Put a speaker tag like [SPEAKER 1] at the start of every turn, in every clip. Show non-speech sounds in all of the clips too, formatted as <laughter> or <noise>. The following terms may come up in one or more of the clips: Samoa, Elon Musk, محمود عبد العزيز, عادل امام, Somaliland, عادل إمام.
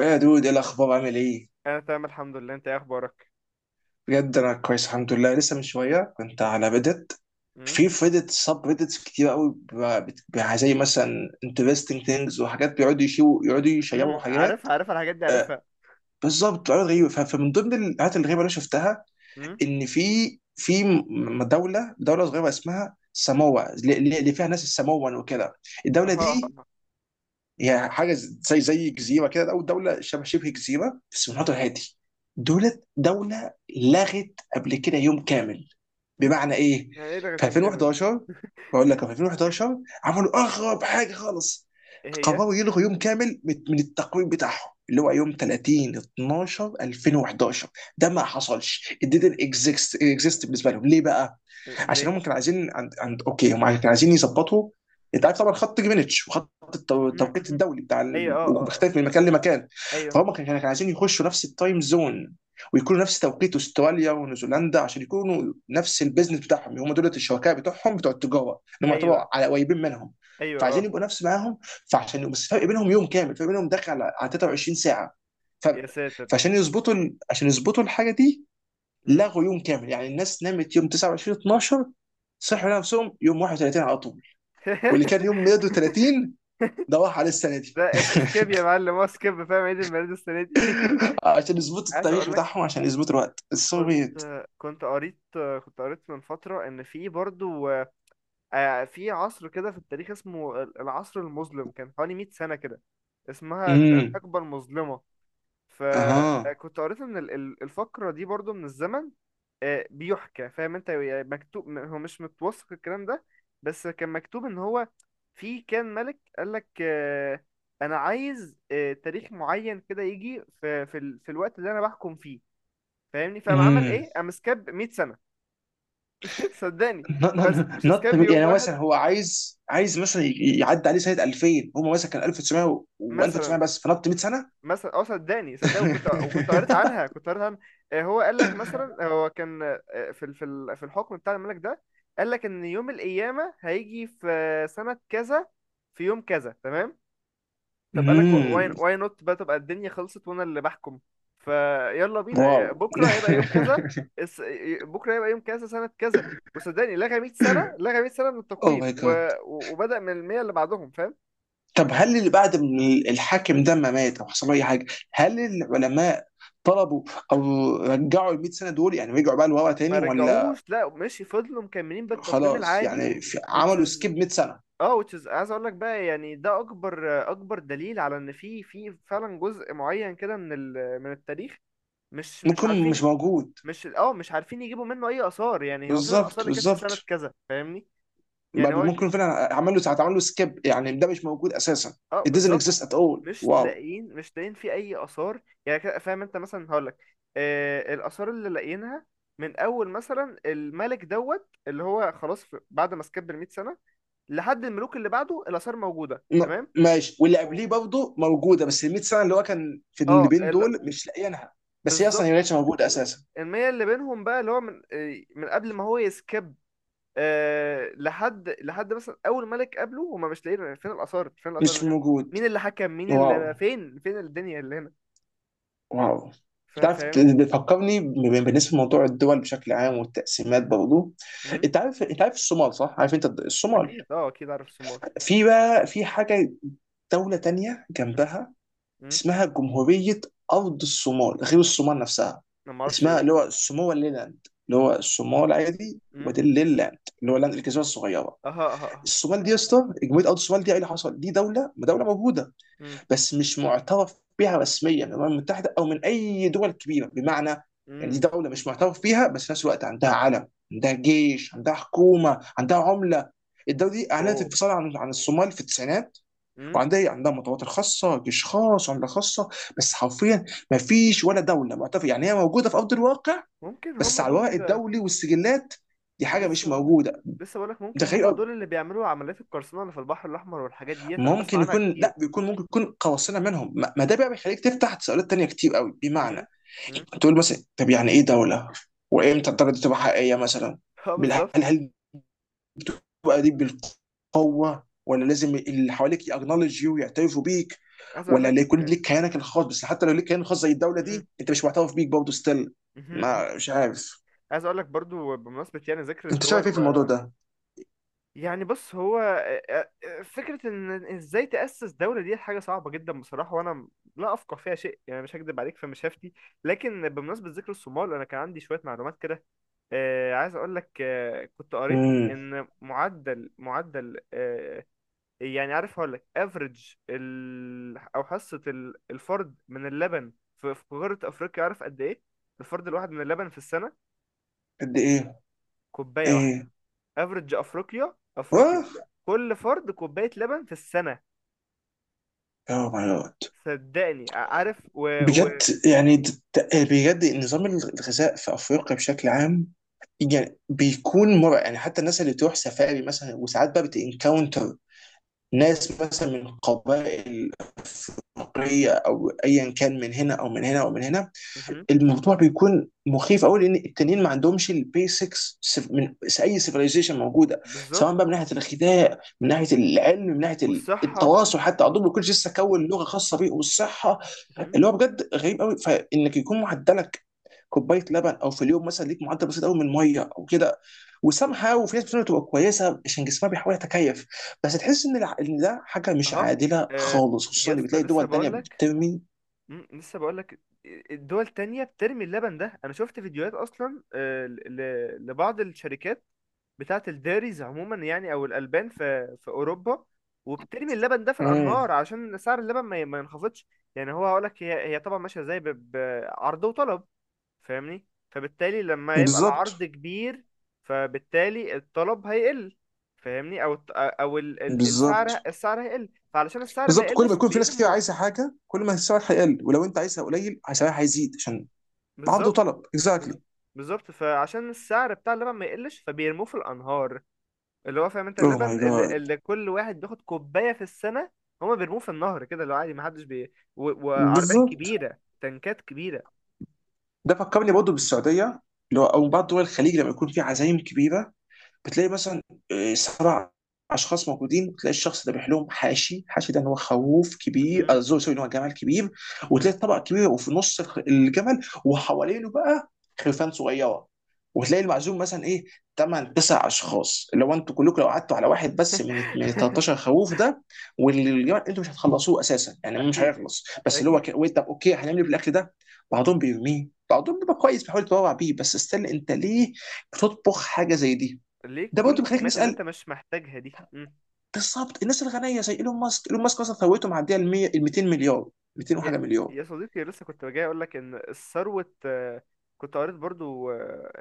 [SPEAKER 1] يا دود، ايه الاخبار؟ عامل ايه؟
[SPEAKER 2] انا تمام الحمد لله، انت ايه اخبارك؟
[SPEAKER 1] بجد انا كويس الحمد لله، لسه من شويه كنت على ريدت.
[SPEAKER 2] امم.
[SPEAKER 1] في ريدت سب ريدتس كتير قوي، زي مثلا interesting things وحاجات بيقعدوا يقعدوا يشيروا
[SPEAKER 2] مهم.
[SPEAKER 1] حاجات.
[SPEAKER 2] عارفها الحاجات دي
[SPEAKER 1] آه،
[SPEAKER 2] عارفها.
[SPEAKER 1] بالظبط حاجات غريبه. فمن ضمن الحاجات الغريبه اللي أنا شفتها
[SPEAKER 2] امم.
[SPEAKER 1] ان في، دوله صغيره اسمها ساموا، اللي فيها ناس الساموان وكده.
[SPEAKER 2] اه،
[SPEAKER 1] الدوله
[SPEAKER 2] اه،
[SPEAKER 1] دي
[SPEAKER 2] اه.
[SPEAKER 1] يعني حاجه زي جزيره كده، او دوله شبه جزيره بس في
[SPEAKER 2] امم.
[SPEAKER 1] المحيط الهادي. دوله لغت قبل كده يوم كامل. بمعنى ايه؟
[SPEAKER 2] يعني ايه لغة
[SPEAKER 1] في
[SPEAKER 2] يوم كامل دي؟
[SPEAKER 1] 2011، بقول لك في 2011 عملوا اغرب حاجه خالص.
[SPEAKER 2] ايه هي؟
[SPEAKER 1] قرروا يلغوا يوم كامل من التقويم بتاعهم، اللي هو يوم 30 12 2011. ده ما حصلش، it didn't exist بالنسبه لهم. ليه بقى؟ عشان
[SPEAKER 2] ليه؟
[SPEAKER 1] هم كانوا عايزين عند, عند اوكي هم كانوا عايزين يظبطوا. انت عارف طبعا خط جرينتش، وخط
[SPEAKER 2] امم،
[SPEAKER 1] التوقيت
[SPEAKER 2] امم.
[SPEAKER 1] الدولي بتاع
[SPEAKER 2] ايوه،
[SPEAKER 1] ال...
[SPEAKER 2] اه، اه، اه.
[SPEAKER 1] وبيختلف من مكان لمكان.
[SPEAKER 2] ايوه.
[SPEAKER 1] فهم كانوا عايزين يخشوا نفس التايم زون، ويكونوا نفس توقيت استراليا ونيوزيلندا، عشان يكونوا نفس البيزنس بتاعهم، هم دول الشركاء بتوعهم بتوع التجاره، انهم
[SPEAKER 2] ايوه،
[SPEAKER 1] يعتبروا على قريبين منهم.
[SPEAKER 2] ايوه،
[SPEAKER 1] فعايزين
[SPEAKER 2] اه.
[SPEAKER 1] يبقوا نفس معاهم. فعشان بس فرق بينهم يوم كامل، فرق بينهم داخل على 23 ساعه. ف...
[SPEAKER 2] يا ساتر!
[SPEAKER 1] فعشان يظبطوا ال... عشان يظبطوا الحاجه دي،
[SPEAKER 2] امم.
[SPEAKER 1] لغوا يوم كامل. يعني الناس نامت يوم 29 12، صحوا نفسهم يوم 31 على طول. واللي كان يوم ميلاده
[SPEAKER 2] <laughs>
[SPEAKER 1] 30، ده راح عليه السنه دي <laughs>
[SPEAKER 2] ده اس سكيب يا معلم، هو سكيب، فاهم؟ عيد الميلاد السنه دي. <laughs>
[SPEAKER 1] عشان يظبطوا
[SPEAKER 2] عايز
[SPEAKER 1] التاريخ
[SPEAKER 2] اقول لك،
[SPEAKER 1] بتاعهم، عشان يظبطوا الوقت
[SPEAKER 2] كنت
[SPEAKER 1] السوفيت.
[SPEAKER 2] كنت قريت كنت قريت من فتره ان في برضو في عصر كده في التاريخ اسمه العصر المظلم، كان حوالي 100 سنه كده، اسمها
[SPEAKER 1] امم.
[SPEAKER 2] الحقبه المظلمه.
[SPEAKER 1] اها.
[SPEAKER 2] فكنت قريت ان الفقرة دي برضو من الزمن. بيحكى، فاهم انت، يعني مكتوب، هو مش متوثق الكلام ده. بس كان مكتوب ان هو في كان ملك، قال لك انا عايز تاريخ معين كده يجي في الوقت اللي انا بحكم فيه. فاهمني؟ فقام عمل
[SPEAKER 1] امم.
[SPEAKER 2] ايه؟ قام سكاب 100 سنة. <laughs> صدقني.
[SPEAKER 1] نط
[SPEAKER 2] هو مش
[SPEAKER 1] نط-
[SPEAKER 2] سكاب يوم
[SPEAKER 1] يعني هو
[SPEAKER 2] واحد.
[SPEAKER 1] مثلا، هو عايز عايز مثلا يعدي عليه سنه 2000، هم مثلا كان 1900 و1900
[SPEAKER 2] مثلا
[SPEAKER 1] بس، فنط 100 سنه.
[SPEAKER 2] مثلا اه، صدقني صدقني، وكنت قريت عنها
[SPEAKER 1] <laughs>
[SPEAKER 2] كنت قريت عنها هو قال لك مثلا، هو كان في الحكم بتاع الملك ده، قال لك ان يوم القيامه هيجي في سنه كذا، في يوم كذا، تمام. طب قال لك واي
[SPEAKER 1] امم.
[SPEAKER 2] واي نوت بقى، تبقى الدنيا خلصت وانا اللي بحكم؟ فيلا بينا،
[SPEAKER 1] واو. <laughs>
[SPEAKER 2] بكره هيبقى يوم كذا. بكره هيبقى يوم كذا سنه كذا. وصدقني لغى 100 سنه، لغى 100 سنه من
[SPEAKER 1] اوه
[SPEAKER 2] التقويم.
[SPEAKER 1] ماي جاد.
[SPEAKER 2] وبدأ من ال 100 اللي بعدهم، فاهم؟
[SPEAKER 1] طب هل اللي بعد من الحاكم ده ما مات او حصل له اي حاجه؟ هل العلماء طلبوا او رجعوا ال 100 سنه دول، يعني رجعوا بقى لورا
[SPEAKER 2] ما
[SPEAKER 1] تاني ولا؟
[SPEAKER 2] رجعوش، لا، ماشي، فضلوا مكملين بالتقويم
[SPEAKER 1] خلاص،
[SPEAKER 2] العادي.
[SPEAKER 1] يعني
[SPEAKER 2] which
[SPEAKER 1] عملوا
[SPEAKER 2] is.
[SPEAKER 1] سكيب 100 سنه.
[SPEAKER 2] اه، which is، عايز اقول لك بقى، يعني ده اكبر اكبر دليل على ان في فعلا جزء معين كده من التاريخ. مش
[SPEAKER 1] ممكن مش
[SPEAKER 2] عارفين.
[SPEAKER 1] موجود.
[SPEAKER 2] مش عارفين يجيبوا منه اي اثار. يعني هو، فين الاثار
[SPEAKER 1] بالظبط،
[SPEAKER 2] اللي كانت في سنة
[SPEAKER 1] بالظبط.
[SPEAKER 2] كذا، فاهمني؟ يعني
[SPEAKER 1] بل
[SPEAKER 2] هو،
[SPEAKER 1] ممكن فعلا عمل له سكيب، يعني ده مش موجود اساسا.
[SPEAKER 2] اه،
[SPEAKER 1] It doesn't
[SPEAKER 2] بالظبط.
[SPEAKER 1] exist at all.
[SPEAKER 2] مش
[SPEAKER 1] واو.
[SPEAKER 2] لاقيين مش لاقيين في اي اثار. يعني كده، فاهم انت، مثلا هقول لك الاثار اللي لاقيينها من اول مثلا الملك دوت، اللي هو خلاص، بعد ما سكب ال 100 سنة لحد الملوك اللي بعده، الآثار موجودة تمام.
[SPEAKER 1] ماشي. واللي
[SPEAKER 2] و-
[SPEAKER 1] قبليه برضه موجوده، بس ال 100 سنه اللي هو كان في، اللي
[SPEAKER 2] اه
[SPEAKER 1] بين
[SPEAKER 2] ال-
[SPEAKER 1] دول مش لاقيينها. بس هي
[SPEAKER 2] بالظبط.
[SPEAKER 1] اصلا، هي ما كانتش موجوده اساسا.
[SPEAKER 2] المية اللي بينهم بقى، اللي هو من من قبل ما هو يسكب، لحد مثلا أول ملك قبله، هما مش لاقيين فين الآثار، فين الآثار
[SPEAKER 1] مش
[SPEAKER 2] اللي هنا.
[SPEAKER 1] موجود.
[SPEAKER 2] مين اللي حكم؟ مين
[SPEAKER 1] واو،
[SPEAKER 2] اللي، فين الدنيا اللي هنا؟
[SPEAKER 1] واو. انت عارف
[SPEAKER 2] فاهمني؟
[SPEAKER 1] بتفكرني، بالنسبه لموضوع الدول بشكل عام والتقسيمات برضه.
[SPEAKER 2] مم؟
[SPEAKER 1] انت عارف الصومال صح؟ عارف انت الصومال؟
[SPEAKER 2] أكيد، عارف السومار.
[SPEAKER 1] في بقى، في حاجه، دوله تانيه
[SPEAKER 2] مم؟
[SPEAKER 1] جنبها
[SPEAKER 2] مم؟
[SPEAKER 1] اسمها جمهورية أرض الصومال، غير الصومال نفسها.
[SPEAKER 2] أنا معرفش إيه
[SPEAKER 1] اسمها
[SPEAKER 2] ده.
[SPEAKER 1] اللي هو سوماليلاند، اللي هو الصومال عادي،
[SPEAKER 2] مم؟
[SPEAKER 1] ودي الليلاند اللي هو لاند الجزيرة الصغيرة.
[SPEAKER 2] أها، أها، أها.
[SPEAKER 1] الصومال دي يا اسطى، جمهورية أرض الصومال دي، ايه اللي حصل؟ دي دولة موجودة،
[SPEAKER 2] مم؟
[SPEAKER 1] بس مش معترف بها رسميا من الأمم المتحدة أو من أي دول كبيرة. بمعنى، يعني دي
[SPEAKER 2] مم؟
[SPEAKER 1] دولة مش معترف بيها، بس في نفس الوقت عندها علم، عندها جيش، عندها حكومة، عندها عملة. الدولة دي أعلنت
[SPEAKER 2] أوه.
[SPEAKER 1] انفصالها عن الصومال في التسعينات.
[SPEAKER 2] مم؟
[SPEAKER 1] وعندها ايه؟ عندها مطارات خاصه، جيش خاص، عمله خاصه. بس حرفيا ما فيش ولا دوله معترف، يعني هي موجوده في ارض الواقع،
[SPEAKER 2] ممكن
[SPEAKER 1] بس
[SPEAKER 2] هما
[SPEAKER 1] على الورق
[SPEAKER 2] دول.
[SPEAKER 1] الدولي والسجلات دي حاجه مش
[SPEAKER 2] لسه بقول
[SPEAKER 1] موجوده.
[SPEAKER 2] لسه بقولك
[SPEAKER 1] ده
[SPEAKER 2] ممكن هما
[SPEAKER 1] غير
[SPEAKER 2] دول اللي بيعملوا عمليات القرصنة اللي في البحر الأحمر، والحاجات ديت أنا بسمع
[SPEAKER 1] ممكن
[SPEAKER 2] عنها
[SPEAKER 1] يكون،
[SPEAKER 2] كتير.
[SPEAKER 1] لا بيكون ممكن يكون قواصنا منهم. ما ما ده بقى بيخليك تفتح تساؤلات تانية كتير قوي. بمعنى
[SPEAKER 2] امم، امم.
[SPEAKER 1] تقول مثلا، طب يعني ايه دوله؟ وامتى الدوله دي تبقى حقيقيه مثلا؟
[SPEAKER 2] <laughs> اه، بالظبط.
[SPEAKER 1] هل بقى دي بالقوه، ولا لازم اللي حواليك يأكنولج يو، يعترفوا بيك؟
[SPEAKER 2] عايز
[SPEAKER 1] ولا
[SPEAKER 2] أقولك.
[SPEAKER 1] اللي يكون ليك كيانك الخاص؟ بس حتى لو ليك كيان خاص زي الدوله
[SPEAKER 2] امم،
[SPEAKER 1] دي، انت مش معترف بيك برضه، ستيل.
[SPEAKER 2] مهم، مهم.
[SPEAKER 1] ما مش عارف.
[SPEAKER 2] عايز أقولك برضو، بمناسبة يعني ذكر
[SPEAKER 1] انت شايف
[SPEAKER 2] الدول.
[SPEAKER 1] ايه في الموضوع
[SPEAKER 2] و...
[SPEAKER 1] ده؟
[SPEAKER 2] يعني بص هو، فكرة إن إزاي تأسس دولة دي حاجة صعبة جدا بصراحة، وأنا لا أفقه فيها شيء يعني، مش هكدب عليك في مشافتي. لكن بمناسبة ذكر الصومال، أنا كان عندي شوية معلومات كده. عايز أقولك، كنت قريت
[SPEAKER 1] امم.
[SPEAKER 2] إن معدل، يعني عارف، هقول لك افريج او حصه الفرد من اللبن في قاره افريقيا، عارف قد ايه؟ الفرد الواحد من اللبن في السنه،
[SPEAKER 1] قد ايه؟
[SPEAKER 2] كوبايه واحده.
[SPEAKER 1] ايه؟
[SPEAKER 2] افريج افريقيا، افريقيا.
[SPEAKER 1] واه.
[SPEAKER 2] كل فرد كوبايه لبن في السنه.
[SPEAKER 1] يا ماي جاد.
[SPEAKER 2] صدقني، عارف.
[SPEAKER 1] بجد يعني د- د- إيه، بجد نظام الغذاء في افريقيا بشكل عام يعني بيكون مرعب. يعني حتى الناس اللي تروح سفاري مثلا، وساعات بقى بتنكاونتر ناس مثلا من قبائل أفريقية، أو أيا كان، من هنا أو من هنا أو من هنا.
[SPEAKER 2] مهم.
[SPEAKER 1] الموضوع بيكون مخيف قوي، لان التانيين ما عندهمش البيسكس من اي سيفيلايزيشن موجوده.
[SPEAKER 2] بالظبط.
[SPEAKER 1] سواء بقى من ناحيه الغذاء، من ناحيه العلم، من ناحيه
[SPEAKER 2] والصحه.
[SPEAKER 1] التواصل، حتى عندهم كل شيء لسه كون لغه خاصه بيه، والصحه.
[SPEAKER 2] مهم.
[SPEAKER 1] اللي هو بجد غريب قوي، فانك يكون معدلك كوبايه لبن او في اليوم مثلا، ليك معدل بسيط قوي من ميه او كده وسامحه. وفي ناس بتقول تبقى كويسه عشان جسمها بيحاول يتكيف، بس تحس ان ان ده حاجه مش
[SPEAKER 2] اها.
[SPEAKER 1] عادله
[SPEAKER 2] آه،
[SPEAKER 1] خالص، خصوصا ان
[SPEAKER 2] يسطا،
[SPEAKER 1] بتلاقي
[SPEAKER 2] لسه
[SPEAKER 1] دول تانيه
[SPEAKER 2] بقول لك.
[SPEAKER 1] بترمي.
[SPEAKER 2] مم، لسه بقول لك، الدول التانية بترمي اللبن ده. انا شفت فيديوهات اصلا، لبعض الشركات بتاعة الديريز عموما يعني، او الالبان في اوروبا، وبترمي اللبن ده في
[SPEAKER 1] امم.
[SPEAKER 2] الانهار عشان سعر اللبن ما ينخفضش. يعني هو، هقول لك هي طبعا ماشية ازاي، بعرض وطلب. فاهمني؟ فبالتالي لما يبقى
[SPEAKER 1] بالظبط،
[SPEAKER 2] العرض كبير، فبالتالي الطلب هيقل. فاهمني؟ او الت- او ال- ال- السعر
[SPEAKER 1] بالظبط.
[SPEAKER 2] السعر هيقل، فعلشان السعر ما
[SPEAKER 1] بالظبط، كل ما
[SPEAKER 2] يقلش
[SPEAKER 1] يكون في ناس كتير
[SPEAKER 2] بيرموا.
[SPEAKER 1] عايزه حاجه كل ما السعر هيقل، ولو انت عايزها قليل سعرها هيزيد، عشان عرض
[SPEAKER 2] بالظبط.
[SPEAKER 1] وطلب،
[SPEAKER 2] بز-
[SPEAKER 1] اكزاكتلي.
[SPEAKER 2] بالظبط، فعشان السعر بتاع اللبن ما يقلش فبيرموه في الانهار، اللي هو، فاهم انت،
[SPEAKER 1] اوه ماي
[SPEAKER 2] اللبن اللي,
[SPEAKER 1] جاد.
[SPEAKER 2] اللي كل واحد بياخد كوبايه في السنه، هما بيرموه في النهر كده، اللي هو عادي، ما حدش وعربيات
[SPEAKER 1] بالظبط،
[SPEAKER 2] كبيره، تنكات كبيره.
[SPEAKER 1] ده فكرني برضه بالسعوديه، اللي هو او بعض دول الخليج، لما يكون في عزايم كبيره، بتلاقي مثلا 7 اشخاص موجودين، وتلاقي الشخص ده بيحلهم حاشي. حاشي ده ان هو خروف كبير،
[SPEAKER 2] مهم،
[SPEAKER 1] سوري
[SPEAKER 2] مهم،
[SPEAKER 1] سوري، ان هو جمل كبير. وتلاقي
[SPEAKER 2] مهم.
[SPEAKER 1] الطبق كبير، وفي نص الجمل، وحوالينه بقى خرفان صغيره. وتلاقي المعزوم مثلا ايه، 8 9 اشخاص. لو انتوا كلكم، لو قعدتوا على واحد بس من ال
[SPEAKER 2] <laughs>
[SPEAKER 1] 13 خروف ده والجمل، انتوا مش هتخلصوه اساسا. يعني مش
[SPEAKER 2] اكيد،
[SPEAKER 1] هيخلص. بس اللي هو
[SPEAKER 2] اكيد.
[SPEAKER 1] طب اوكي هنعمل ايه بالاكل ده؟ بعضهم بيرميه، بعضهم بيبقى كويس بيحاول يتبرع بيه. بس استنى، انت ليه بتطبخ حاجه زي دي؟
[SPEAKER 2] ليه
[SPEAKER 1] ده
[SPEAKER 2] كل
[SPEAKER 1] برضه بيخليك
[SPEAKER 2] الكميات اللي انت
[SPEAKER 1] نسال.
[SPEAKER 2] مش محتاجها دي؟
[SPEAKER 1] بالظبط. الناس الغنيه زي ايلون ماسك، مثلا ثروته معديه ال 100، ال 200 مليار، 200 وحاجه
[SPEAKER 2] يا
[SPEAKER 1] مليار.
[SPEAKER 2] يا صديقي، لسه كنت جاي اقول لك ان ثروه، كنت قريت برضو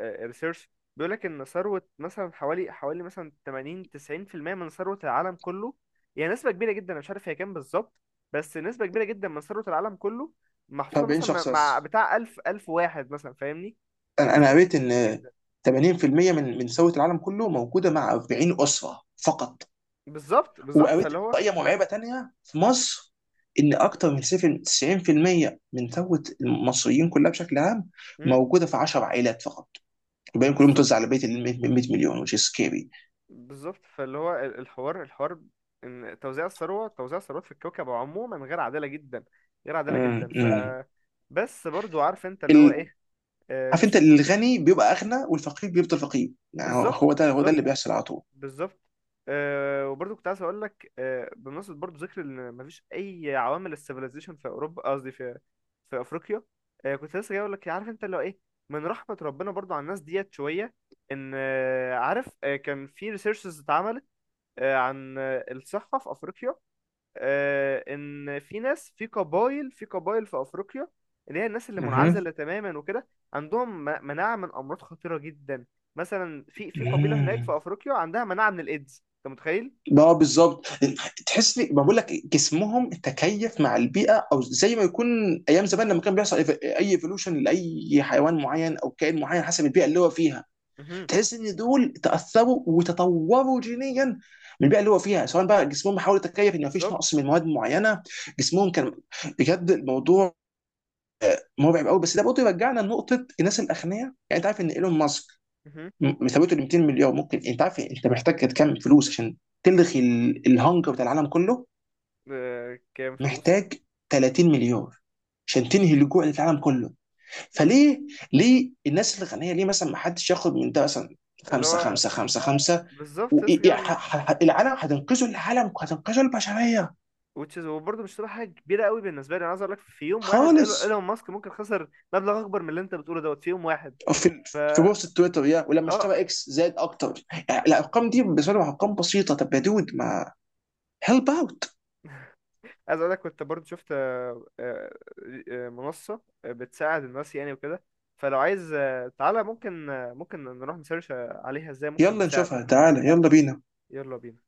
[SPEAKER 2] ريسيرش بيقول لك ان ثروه مثلا حوالي مثلا 80 90% من ثروه العالم كله، يعني نسبه كبيره جدا، انا مش عارف هي كام بالظبط. بس نسبه كبيره جدا من ثروه العالم كله، محطوطه
[SPEAKER 1] 40
[SPEAKER 2] مثلا مع
[SPEAKER 1] شخص
[SPEAKER 2] مع
[SPEAKER 1] بس.
[SPEAKER 2] بتاع 1000 1000 واحد مثلا، فاهمني؟
[SPEAKER 1] أنا
[SPEAKER 2] نسبه
[SPEAKER 1] قريت
[SPEAKER 2] كبيره
[SPEAKER 1] ان
[SPEAKER 2] جدا.
[SPEAKER 1] 80% من ثروه العالم كله موجوده مع 40 اسره فقط.
[SPEAKER 2] بالظبط، بالظبط،
[SPEAKER 1] وقريت
[SPEAKER 2] فاللي هو
[SPEAKER 1] احصائيه مرعبه تانيه في مصر، ان اكتر من 7 90% من ثروه المصريين كلها بشكل عام
[SPEAKER 2] مم.
[SPEAKER 1] موجوده في 10 عائلات فقط. الباقيين كلهم
[SPEAKER 2] بالظبط،
[SPEAKER 1] متوزع على بيت ال 100 مليون. Which is scary.
[SPEAKER 2] بالظبط، فاللي هو الحوار، الحوار ان توزيع الثروات في الكوكب عموما غير عادله جدا، غير عادله جدا. ف بس برضو، عارف انت اللي هو ايه،
[SPEAKER 1] عارف انت،
[SPEAKER 2] لسه.
[SPEAKER 1] الغني بيبقى اغنى والفقير بيفضل فقير، يعني
[SPEAKER 2] بالظبط،
[SPEAKER 1] هو ده
[SPEAKER 2] بالظبط،
[SPEAKER 1] اللي بيحصل على طول.
[SPEAKER 2] بالظبط. وبرضو كنت عايز اقول لك، بمناسبه برضو ذكر ان مفيش اي عوامل السيفيلايزيشن في اوروبا، قصدي في في افريقيا. كنت لسه جاي اقول لك إيه، عارف انت اللي هو ايه. من رحمه ربنا برضو على الناس ديت شويه، ان عارف، كان في ريسيرشز اتعملت عن الصحة في أفريقيا. ان في ناس في قبائل في افريقيا، اللي هي الناس اللي
[SPEAKER 1] مهم.
[SPEAKER 2] منعزله تماما وكده، عندهم مناعه من امراض خطيره جدا. مثلا في قبيله هناك
[SPEAKER 1] مم.
[SPEAKER 2] في افريقيا عندها مناعه من الايدز، انت متخيل؟
[SPEAKER 1] بقى بالظبط. تحس لي ما بقول لك جسمهم تكيف مع البيئه، او زي ما يكون ايام زمان لما كان بيحصل اي ايفولوشن لاي حيوان معين او كائن معين حسب البيئه اللي هو فيها.
[SPEAKER 2] مهم.
[SPEAKER 1] تحس ان دول تاثروا وتطوروا جينيا من البيئه اللي هو فيها، سواء بقى جسمهم حاول يتكيف ان مفيش
[SPEAKER 2] بالظبط.
[SPEAKER 1] نقص من مواد معينه، جسمهم كان... بجد الموضوع مرعب قوي. بس ده برضه يرجعنا لنقطه الناس الاغنياء. يعني انت عارف ان ايلون ماسك،
[SPEAKER 2] مهم.
[SPEAKER 1] ثروته ل 200 مليار، ممكن انت عارف إيه؟ انت محتاج كام فلوس عشان تلغي الهنجر بتاع العالم كله؟
[SPEAKER 2] كام فلوس؟
[SPEAKER 1] محتاج 30 مليار عشان تنهي الجوع اللي في العالم كله.
[SPEAKER 2] و-
[SPEAKER 1] فليه، ليه الناس الغنيه، ليه مثلا ما حدش ياخد من ده مثلا
[SPEAKER 2] اللي
[SPEAKER 1] خمسة
[SPEAKER 2] هو
[SPEAKER 1] خمسة خمسة خمسة،
[SPEAKER 2] بالظبط، لسه جاي اقول لك.
[SPEAKER 1] والعالم هتنقذوا، العالم هتنقذوا البشرية.
[SPEAKER 2] which is، وبرضه مش تبقى حاجه كبيره قوي بالنسبه لي، انا عايز اقول لك في يوم واحد ايلون
[SPEAKER 1] خالص.
[SPEAKER 2] إيلون ماسك ممكن خسر مبلغ اكبر من اللي انت بتقوله دوت في يوم واحد.
[SPEAKER 1] في
[SPEAKER 2] فا
[SPEAKER 1] بوست تويتر، يا ولما
[SPEAKER 2] اه
[SPEAKER 1] اشترى اكس، زاد اكتر. يعني الارقام دي بالنسبه لهم ارقام بسيطه. طب يا دود، ما هيلب اوت.
[SPEAKER 2] عايز اقول لك، كنت برضو شفت منصة بتساعد الناس يعني وكده، فلو عايز تعالى، ممكن ممكن نروح نسيرش عليها ازاي ممكن
[SPEAKER 1] يلا
[SPEAKER 2] نساعد.
[SPEAKER 1] نشوفها، تعالى يلا بينا.
[SPEAKER 2] يلا بينا.